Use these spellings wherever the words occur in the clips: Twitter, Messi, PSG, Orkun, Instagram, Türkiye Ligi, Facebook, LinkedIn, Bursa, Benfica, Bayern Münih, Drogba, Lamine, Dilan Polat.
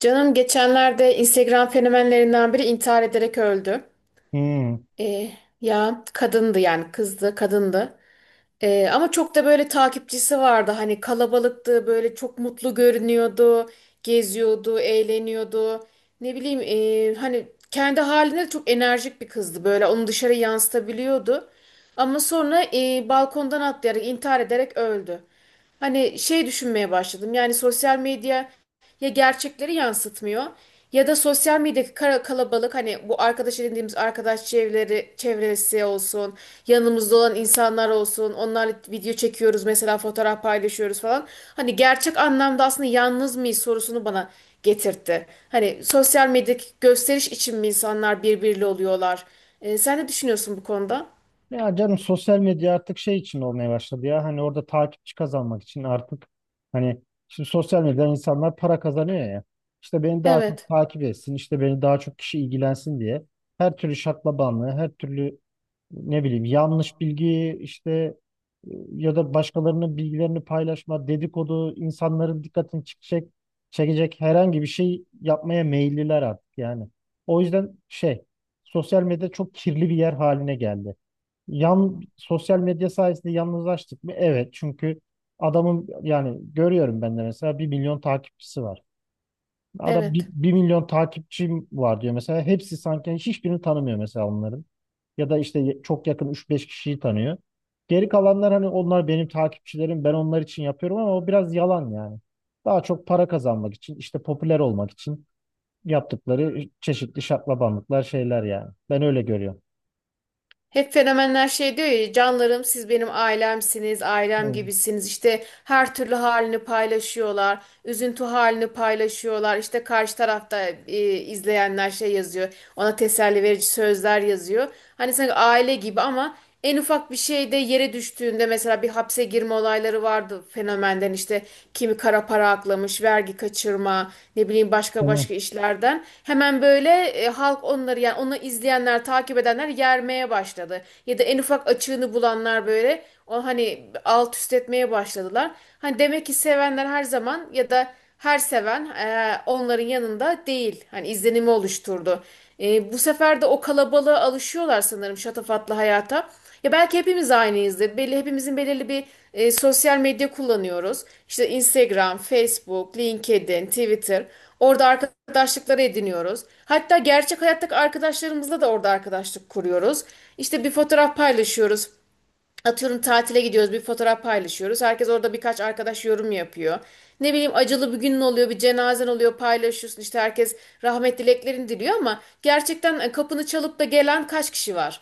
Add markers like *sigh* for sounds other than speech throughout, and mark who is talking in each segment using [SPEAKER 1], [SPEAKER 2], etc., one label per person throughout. [SPEAKER 1] Canım geçenlerde Instagram fenomenlerinden biri intihar ederek öldü.
[SPEAKER 2] Hmm.
[SPEAKER 1] Ee, ya kadındı yani kızdı kadındı. Ama çok da böyle takipçisi vardı. Hani kalabalıktı böyle çok mutlu görünüyordu. Geziyordu, eğleniyordu. Ne bileyim hani kendi halinde de çok enerjik bir kızdı böyle onu dışarı yansıtabiliyordu. Ama sonra balkondan atlayarak intihar ederek öldü. Hani şey düşünmeye başladım yani sosyal medya ya gerçekleri yansıtmıyor ya da sosyal medyadaki kalabalık hani bu arkadaş edindiğimiz arkadaş çevreleri, çevresi olsun yanımızda olan insanlar olsun onlarla video çekiyoruz mesela fotoğraf paylaşıyoruz falan hani gerçek anlamda aslında yalnız mıyız sorusunu bana getirtti. Hani sosyal medyadaki gösteriş için mi insanlar birbiriyle oluyorlar? Sen ne düşünüyorsun bu konuda?
[SPEAKER 2] Ya canım sosyal medya artık şey için olmaya başladı ya. Hani orada takipçi kazanmak için artık hani şimdi sosyal medyadan insanlar para kazanıyor ya. İşte beni daha çok
[SPEAKER 1] Evet,
[SPEAKER 2] takip etsin, işte beni daha çok kişi ilgilensin diye her türlü şaklabanlığı, her türlü ne bileyim yanlış bilgi işte e, ya da başkalarının bilgilerini paylaşma, dedikodu, insanların dikkatini çekecek herhangi bir şey yapmaya meyilliler artık yani. O yüzden şey sosyal medya çok kirli bir yer haline geldi. Sosyal medya sayesinde yalnızlaştık mı? Evet. Çünkü adamın yani görüyorum ben de mesela bir milyon takipçisi var. Adam bir
[SPEAKER 1] evet.
[SPEAKER 2] bir milyon takipçim var diyor mesela. Hepsi sanki yani hiçbirini tanımıyor mesela onların. Ya da işte çok yakın üç beş kişiyi tanıyor. Geri kalanlar hani onlar benim takipçilerim ben onlar için yapıyorum ama o biraz yalan yani. Daha çok para kazanmak için işte popüler olmak için yaptıkları çeşitli şaklabanlıklar şeyler yani. Ben öyle görüyorum.
[SPEAKER 1] Hep fenomenler şey diyor ya canlarım siz benim ailemsiniz, ailem
[SPEAKER 2] Tamam.
[SPEAKER 1] gibisiniz. İşte her türlü halini paylaşıyorlar, üzüntü halini paylaşıyorlar. İşte karşı tarafta izleyenler şey yazıyor, ona teselli verici sözler yazıyor. Hani sanki aile gibi ama en ufak bir şeyde yere düştüğünde mesela bir hapse girme olayları vardı fenomenden işte kimi kara para aklamış, vergi kaçırma, ne bileyim başka
[SPEAKER 2] Tamam.
[SPEAKER 1] başka işlerden. Hemen böyle halk onları yani onu izleyenler, takip edenler yermeye başladı. Ya da en ufak açığını bulanlar böyle o hani alt üst etmeye başladılar. Hani demek ki sevenler her zaman ya da her seven onların yanında değil. Hani izlenimi oluşturdu. Bu sefer de o kalabalığa alışıyorlar sanırım şatafatlı hayata. Ya belki hepimiz aynıyızdır. Belli hepimizin belirli bir sosyal medya kullanıyoruz. İşte Instagram, Facebook, LinkedIn, Twitter. Orada arkadaşlıkları ediniyoruz. Hatta gerçek hayattaki arkadaşlarımızla da orada arkadaşlık kuruyoruz. İşte bir fotoğraf paylaşıyoruz. Atıyorum tatile gidiyoruz bir fotoğraf paylaşıyoruz. Herkes orada birkaç arkadaş yorum yapıyor. Ne bileyim acılı bir günün oluyor, bir cenazen oluyor paylaşıyorsun. İşte herkes rahmet dileklerini diliyor ama gerçekten kapını çalıp da gelen kaç kişi var?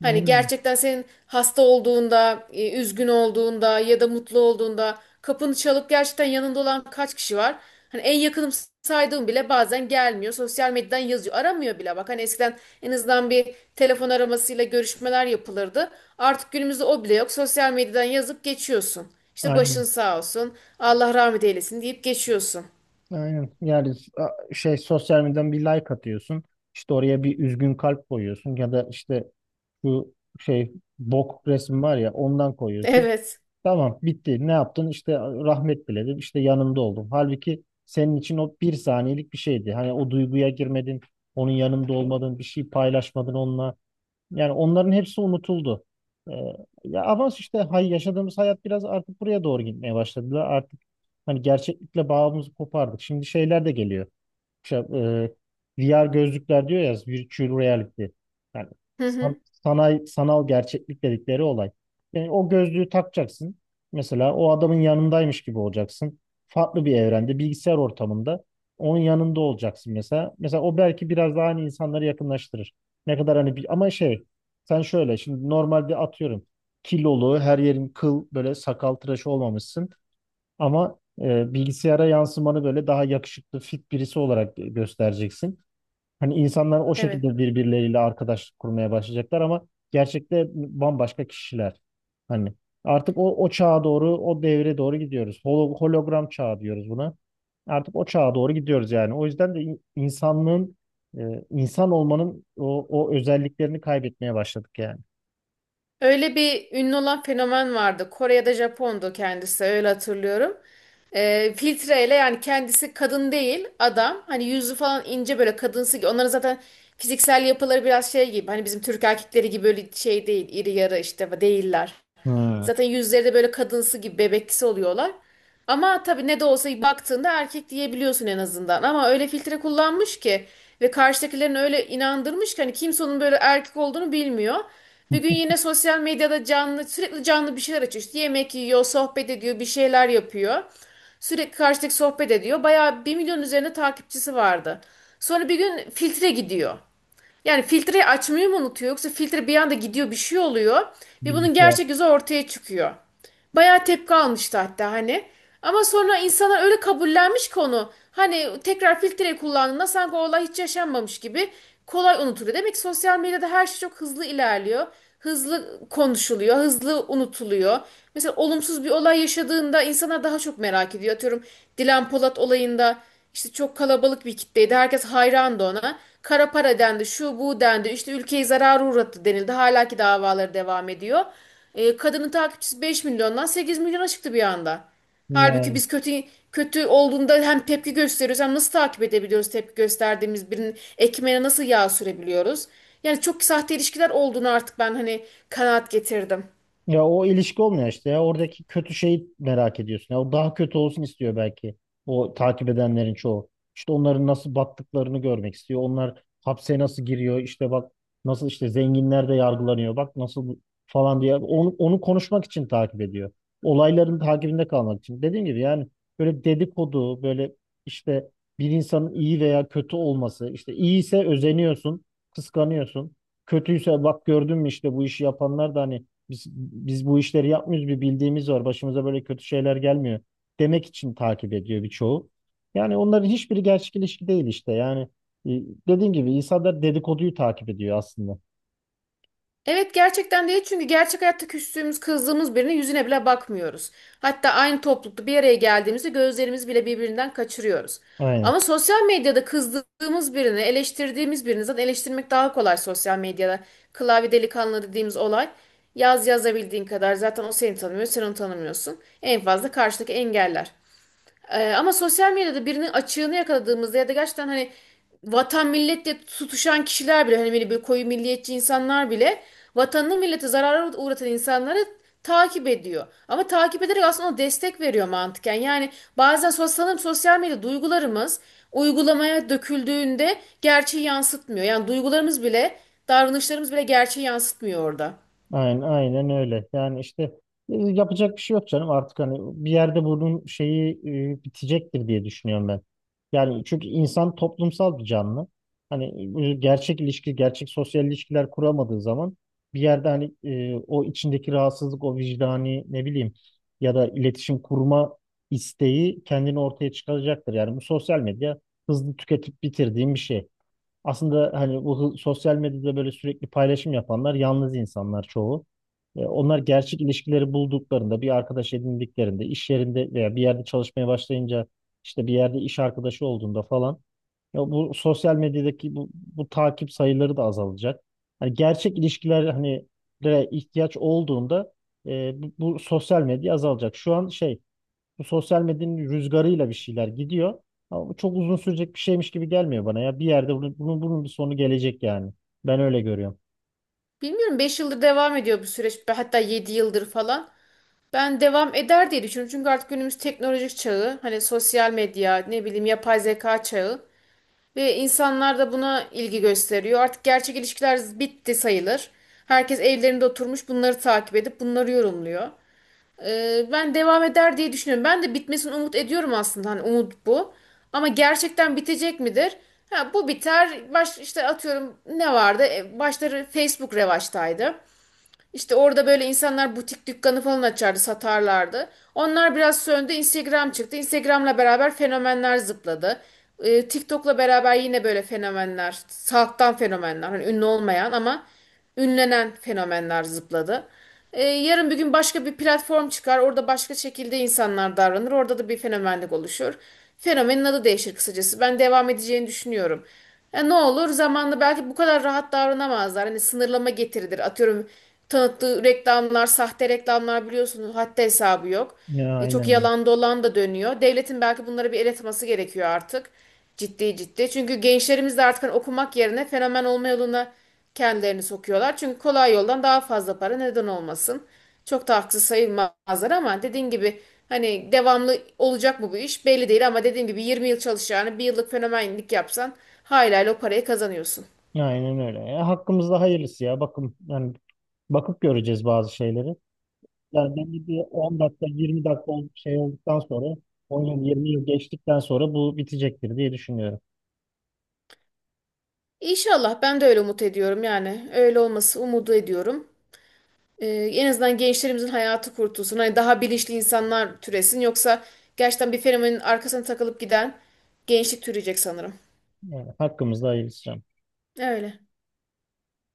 [SPEAKER 1] Hani
[SPEAKER 2] Yani.
[SPEAKER 1] gerçekten senin hasta olduğunda, üzgün olduğunda ya da mutlu olduğunda kapını çalıp gerçekten yanında olan kaç kişi var? Hani en yakınım saydığım bile bazen gelmiyor. Sosyal medyadan yazıyor. Aramıyor bile. Bak hani eskiden en azından bir telefon aramasıyla görüşmeler yapılırdı. Artık günümüzde o bile yok. Sosyal medyadan yazıp geçiyorsun. İşte başın
[SPEAKER 2] Aynen.
[SPEAKER 1] sağ olsun. Allah rahmet eylesin deyip geçiyorsun. *laughs*
[SPEAKER 2] Aynen. Yani şey sosyal medyadan bir like atıyorsun. İşte oraya bir üzgün kalp koyuyorsun ya da işte şu şey bok resmi var ya ondan koyuyorsun.
[SPEAKER 1] Evet.
[SPEAKER 2] Tamam bitti. Ne yaptın? İşte rahmet diledim. İşte yanımda oldum. Halbuki senin için o bir saniyelik bir şeydi. Hani o duyguya girmedin. Onun yanımda olmadın. Bir şey paylaşmadın onunla. Yani onların hepsi unutuldu. Ee, ya ama işte yaşadığımız hayat biraz artık buraya doğru gitmeye başladılar. Artık hani gerçeklikle bağımızı kopardık. Şimdi şeyler de geliyor şey, VR gözlükler diyor ya virtual reality. Yani
[SPEAKER 1] Hı hı.
[SPEAKER 2] sanal gerçeklik dedikleri olay. Yani o gözlüğü takacaksın. Mesela o adamın yanındaymış gibi olacaksın. Farklı bir evrende, bilgisayar ortamında onun yanında olacaksın mesela. Mesela o belki biraz daha hani insanları yakınlaştırır. Ne kadar hani bir, ama şey sen şöyle şimdi normalde atıyorum kilolu her yerin kıl böyle sakal tıraşı olmamışsın. Ama bilgisayara yansımanı böyle daha yakışıklı, fit birisi olarak göstereceksin. Hani insanlar o
[SPEAKER 1] Evet.
[SPEAKER 2] şekilde birbirleriyle arkadaşlık kurmaya başlayacaklar ama gerçekte bambaşka kişiler. Hani artık o, o çağa doğru, o devre doğru gidiyoruz. Hologram çağı diyoruz buna. Artık o çağa doğru gidiyoruz yani. O yüzden de insanlığın, insan olmanın o, o özelliklerini kaybetmeye başladık yani.
[SPEAKER 1] Öyle bir ünlü olan fenomen vardı. Kore'de Japon'du kendisi öyle hatırlıyorum. Filtreyle yani kendisi kadın değil adam. Hani yüzü falan ince böyle kadınsı. Onların zaten fiziksel yapıları biraz şey gibi. Hani bizim Türk erkekleri gibi böyle şey değil. İri yarı işte değiller.
[SPEAKER 2] Ha.
[SPEAKER 1] Zaten yüzleri de böyle kadınsı gibi bebeksi oluyorlar. Ama tabii ne de olsa baktığında erkek diyebiliyorsun en azından. Ama öyle filtre kullanmış ki ve karşıdakilerini öyle inandırmış ki hani kimse onun böyle erkek olduğunu bilmiyor. Bir gün yine sosyal medyada canlı sürekli canlı bir şeyler açıyor. İşte yemek yiyor, sohbet ediyor, bir şeyler yapıyor. Sürekli karşıdaki sohbet ediyor. Bayağı 1.000.000 üzerinde takipçisi vardı. Sonra bir gün filtre gidiyor. Yani filtreyi açmayı mı unutuyor yoksa filtre bir anda gidiyor bir şey oluyor ve bunun
[SPEAKER 2] Bilgisayar.
[SPEAKER 1] gerçek yüzü ortaya çıkıyor. Bayağı tepki almıştı hatta hani. Ama sonra insanlar öyle kabullenmiş konu. Hani tekrar filtre kullandığında sanki o olay hiç yaşanmamış gibi kolay unutuluyor. Demek ki sosyal medyada her şey çok hızlı ilerliyor. Hızlı konuşuluyor, hızlı unutuluyor. Mesela olumsuz bir olay yaşadığında insanlar daha çok merak ediyor. Atıyorum Dilan Polat olayında işte çok kalabalık bir kitleydi. Herkes hayrandı ona. Kara para dendi, şu bu dendi. İşte ülkeyi zarara uğrattı denildi. Hala ki davaları devam ediyor. Kadının takipçisi 5 milyondan 8 milyona çıktı bir anda. Halbuki biz kötü kötü olduğunda hem tepki gösteriyoruz hem nasıl takip edebiliyoruz tepki gösterdiğimiz birinin ekmeğine nasıl yağ sürebiliyoruz? Yani çok sahte ilişkiler olduğunu artık ben hani kanaat getirdim.
[SPEAKER 2] Ya o ilişki olmuyor işte ya. Oradaki kötü şeyi merak ediyorsun. Ya o daha kötü olsun istiyor belki. O takip edenlerin çoğu. İşte onların nasıl battıklarını görmek istiyor. Onlar hapse nasıl giriyor. İşte bak nasıl işte zenginler de yargılanıyor. Bak nasıl falan diye. Onu, onu konuşmak için takip ediyor. Olayların takibinde kalmak için. Dediğim gibi yani böyle dedikodu, böyle işte bir insanın iyi veya kötü olması. İşte iyiyse özeniyorsun, kıskanıyorsun. Kötüyse bak gördün mü işte bu işi yapanlar da hani biz, biz bu işleri yapmıyoruz bir bildiğimiz var. Başımıza böyle kötü şeyler gelmiyor demek için takip ediyor birçoğu. Yani onların hiçbiri gerçek ilişki değil işte. Yani e, dediğim gibi insanlar dedikoduyu takip ediyor aslında.
[SPEAKER 1] Evet, gerçekten değil çünkü gerçek hayatta küstüğümüz, kızdığımız birine yüzüne bile bakmıyoruz. Hatta aynı toplulukta bir araya geldiğimizde gözlerimizi bile birbirinden kaçırıyoruz.
[SPEAKER 2] Aynen.
[SPEAKER 1] Ama sosyal medyada kızdığımız birini, eleştirdiğimiz birini zaten eleştirmek daha kolay sosyal medyada. Klavye delikanlı dediğimiz olay. Yaz yazabildiğin kadar zaten o seni tanımıyor, sen onu tanımıyorsun. En fazla karşıdaki engeller. Ama sosyal medyada birinin açığını yakaladığımızda ya da gerçekten hani vatan milletle tutuşan kişiler bile hani böyle, böyle koyu milliyetçi insanlar bile vatanını millete zarara uğratan insanları takip ediyor. Ama takip ederek aslında o destek veriyor mantıken. Yani bazen sanırım sosyal medya duygularımız uygulamaya döküldüğünde gerçeği yansıtmıyor. Yani duygularımız bile davranışlarımız bile gerçeği yansıtmıyor orada.
[SPEAKER 2] Aynen, aynen öyle. Yani işte yapacak bir şey yok canım artık hani bir yerde bunun şeyi bitecektir diye düşünüyorum ben. Yani çünkü insan toplumsal bir canlı. Hani gerçek ilişki, gerçek sosyal ilişkiler kuramadığı zaman bir yerde hani o içindeki rahatsızlık, o vicdani ne bileyim ya da iletişim kurma isteği kendini ortaya çıkaracaktır. Yani bu sosyal medya hızlı tüketip bitirdiğim bir şey. Aslında hani bu sosyal medyada böyle sürekli paylaşım yapanlar yalnız insanlar çoğu. Onlar gerçek ilişkileri bulduklarında, bir arkadaş edindiklerinde, iş yerinde veya bir yerde çalışmaya başlayınca, işte bir yerde iş arkadaşı olduğunda falan ya bu sosyal medyadaki bu takip sayıları da azalacak. Hani gerçek ilişkiler hani lere ihtiyaç olduğunda bu sosyal medya azalacak. Şu an şey bu sosyal medyanın rüzgarıyla bir şeyler gidiyor. Ama bu çok uzun sürecek bir şeymiş gibi gelmiyor bana ya. Bir yerde bunun bir sonu gelecek yani. Ben öyle görüyorum.
[SPEAKER 1] Bilmiyorum, 5 yıldır devam ediyor bu süreç hatta 7 yıldır falan. Ben devam eder diye düşünüyorum. Çünkü artık günümüz teknolojik çağı, hani sosyal medya, ne bileyim yapay zeka çağı ve insanlar da buna ilgi gösteriyor. Artık gerçek ilişkiler bitti sayılır. Herkes evlerinde oturmuş bunları takip edip bunları yorumluyor. Ben devam eder diye düşünüyorum. Ben de bitmesini umut ediyorum aslında. Hani umut bu. Ama gerçekten bitecek midir? Ha, bu biter. Baş, işte atıyorum ne vardı? Başları Facebook revaçtaydı. İşte orada böyle insanlar butik dükkanı falan açardı, satarlardı. Onlar biraz söndü, Instagram çıktı. Instagram'la beraber fenomenler zıpladı. TikTok'la beraber yine böyle fenomenler, halktan fenomenler, hani ünlü olmayan ama ünlenen fenomenler zıpladı. Yarın bir gün başka bir platform çıkar, orada başka şekilde insanlar davranır, orada da bir fenomenlik oluşur. Fenomenin adı değişir kısacası. Ben devam edeceğini düşünüyorum. Ya ne olur zamanla belki bu kadar rahat davranamazlar. Hani sınırlama getirilir. Atıyorum tanıttığı reklamlar, sahte reklamlar biliyorsunuz haddi hesabı yok.
[SPEAKER 2] Ya
[SPEAKER 1] Çok
[SPEAKER 2] aynen.
[SPEAKER 1] yalan dolan da dönüyor. Devletin belki bunlara bir el atması gerekiyor artık. Ciddi ciddi. Çünkü gençlerimiz de artık hani okumak yerine fenomen olma yoluna kendilerini sokuyorlar. Çünkü kolay yoldan daha fazla para neden olmasın. Çok da haksız sayılmazlar ama dediğin gibi hani devamlı olacak mı bu iş belli değil ama dediğim gibi 20 yıl çalışacağını bir yıllık fenomenlik yapsan hala o parayı kazanıyorsun.
[SPEAKER 2] Ya aynen öyle. Ya, hakkımızda hayırlısı ya. Bakın yani bakıp göreceğiz bazı şeyleri. Yani bence bir 10 dakika 20 dakika şey olduktan sonra 10 yıl 20 yıl geçtikten sonra bu bitecektir diye düşünüyorum.
[SPEAKER 1] İnşallah, ben de öyle umut ediyorum yani öyle olması umudu ediyorum. Ee, en azından gençlerimizin hayatı kurtulsun. Hani daha bilinçli insanlar türesin yoksa gerçekten bir fenomenin arkasına takılıp giden gençlik türeyecek sanırım.
[SPEAKER 2] Yani hakkımızda hayırlısı.
[SPEAKER 1] Öyle.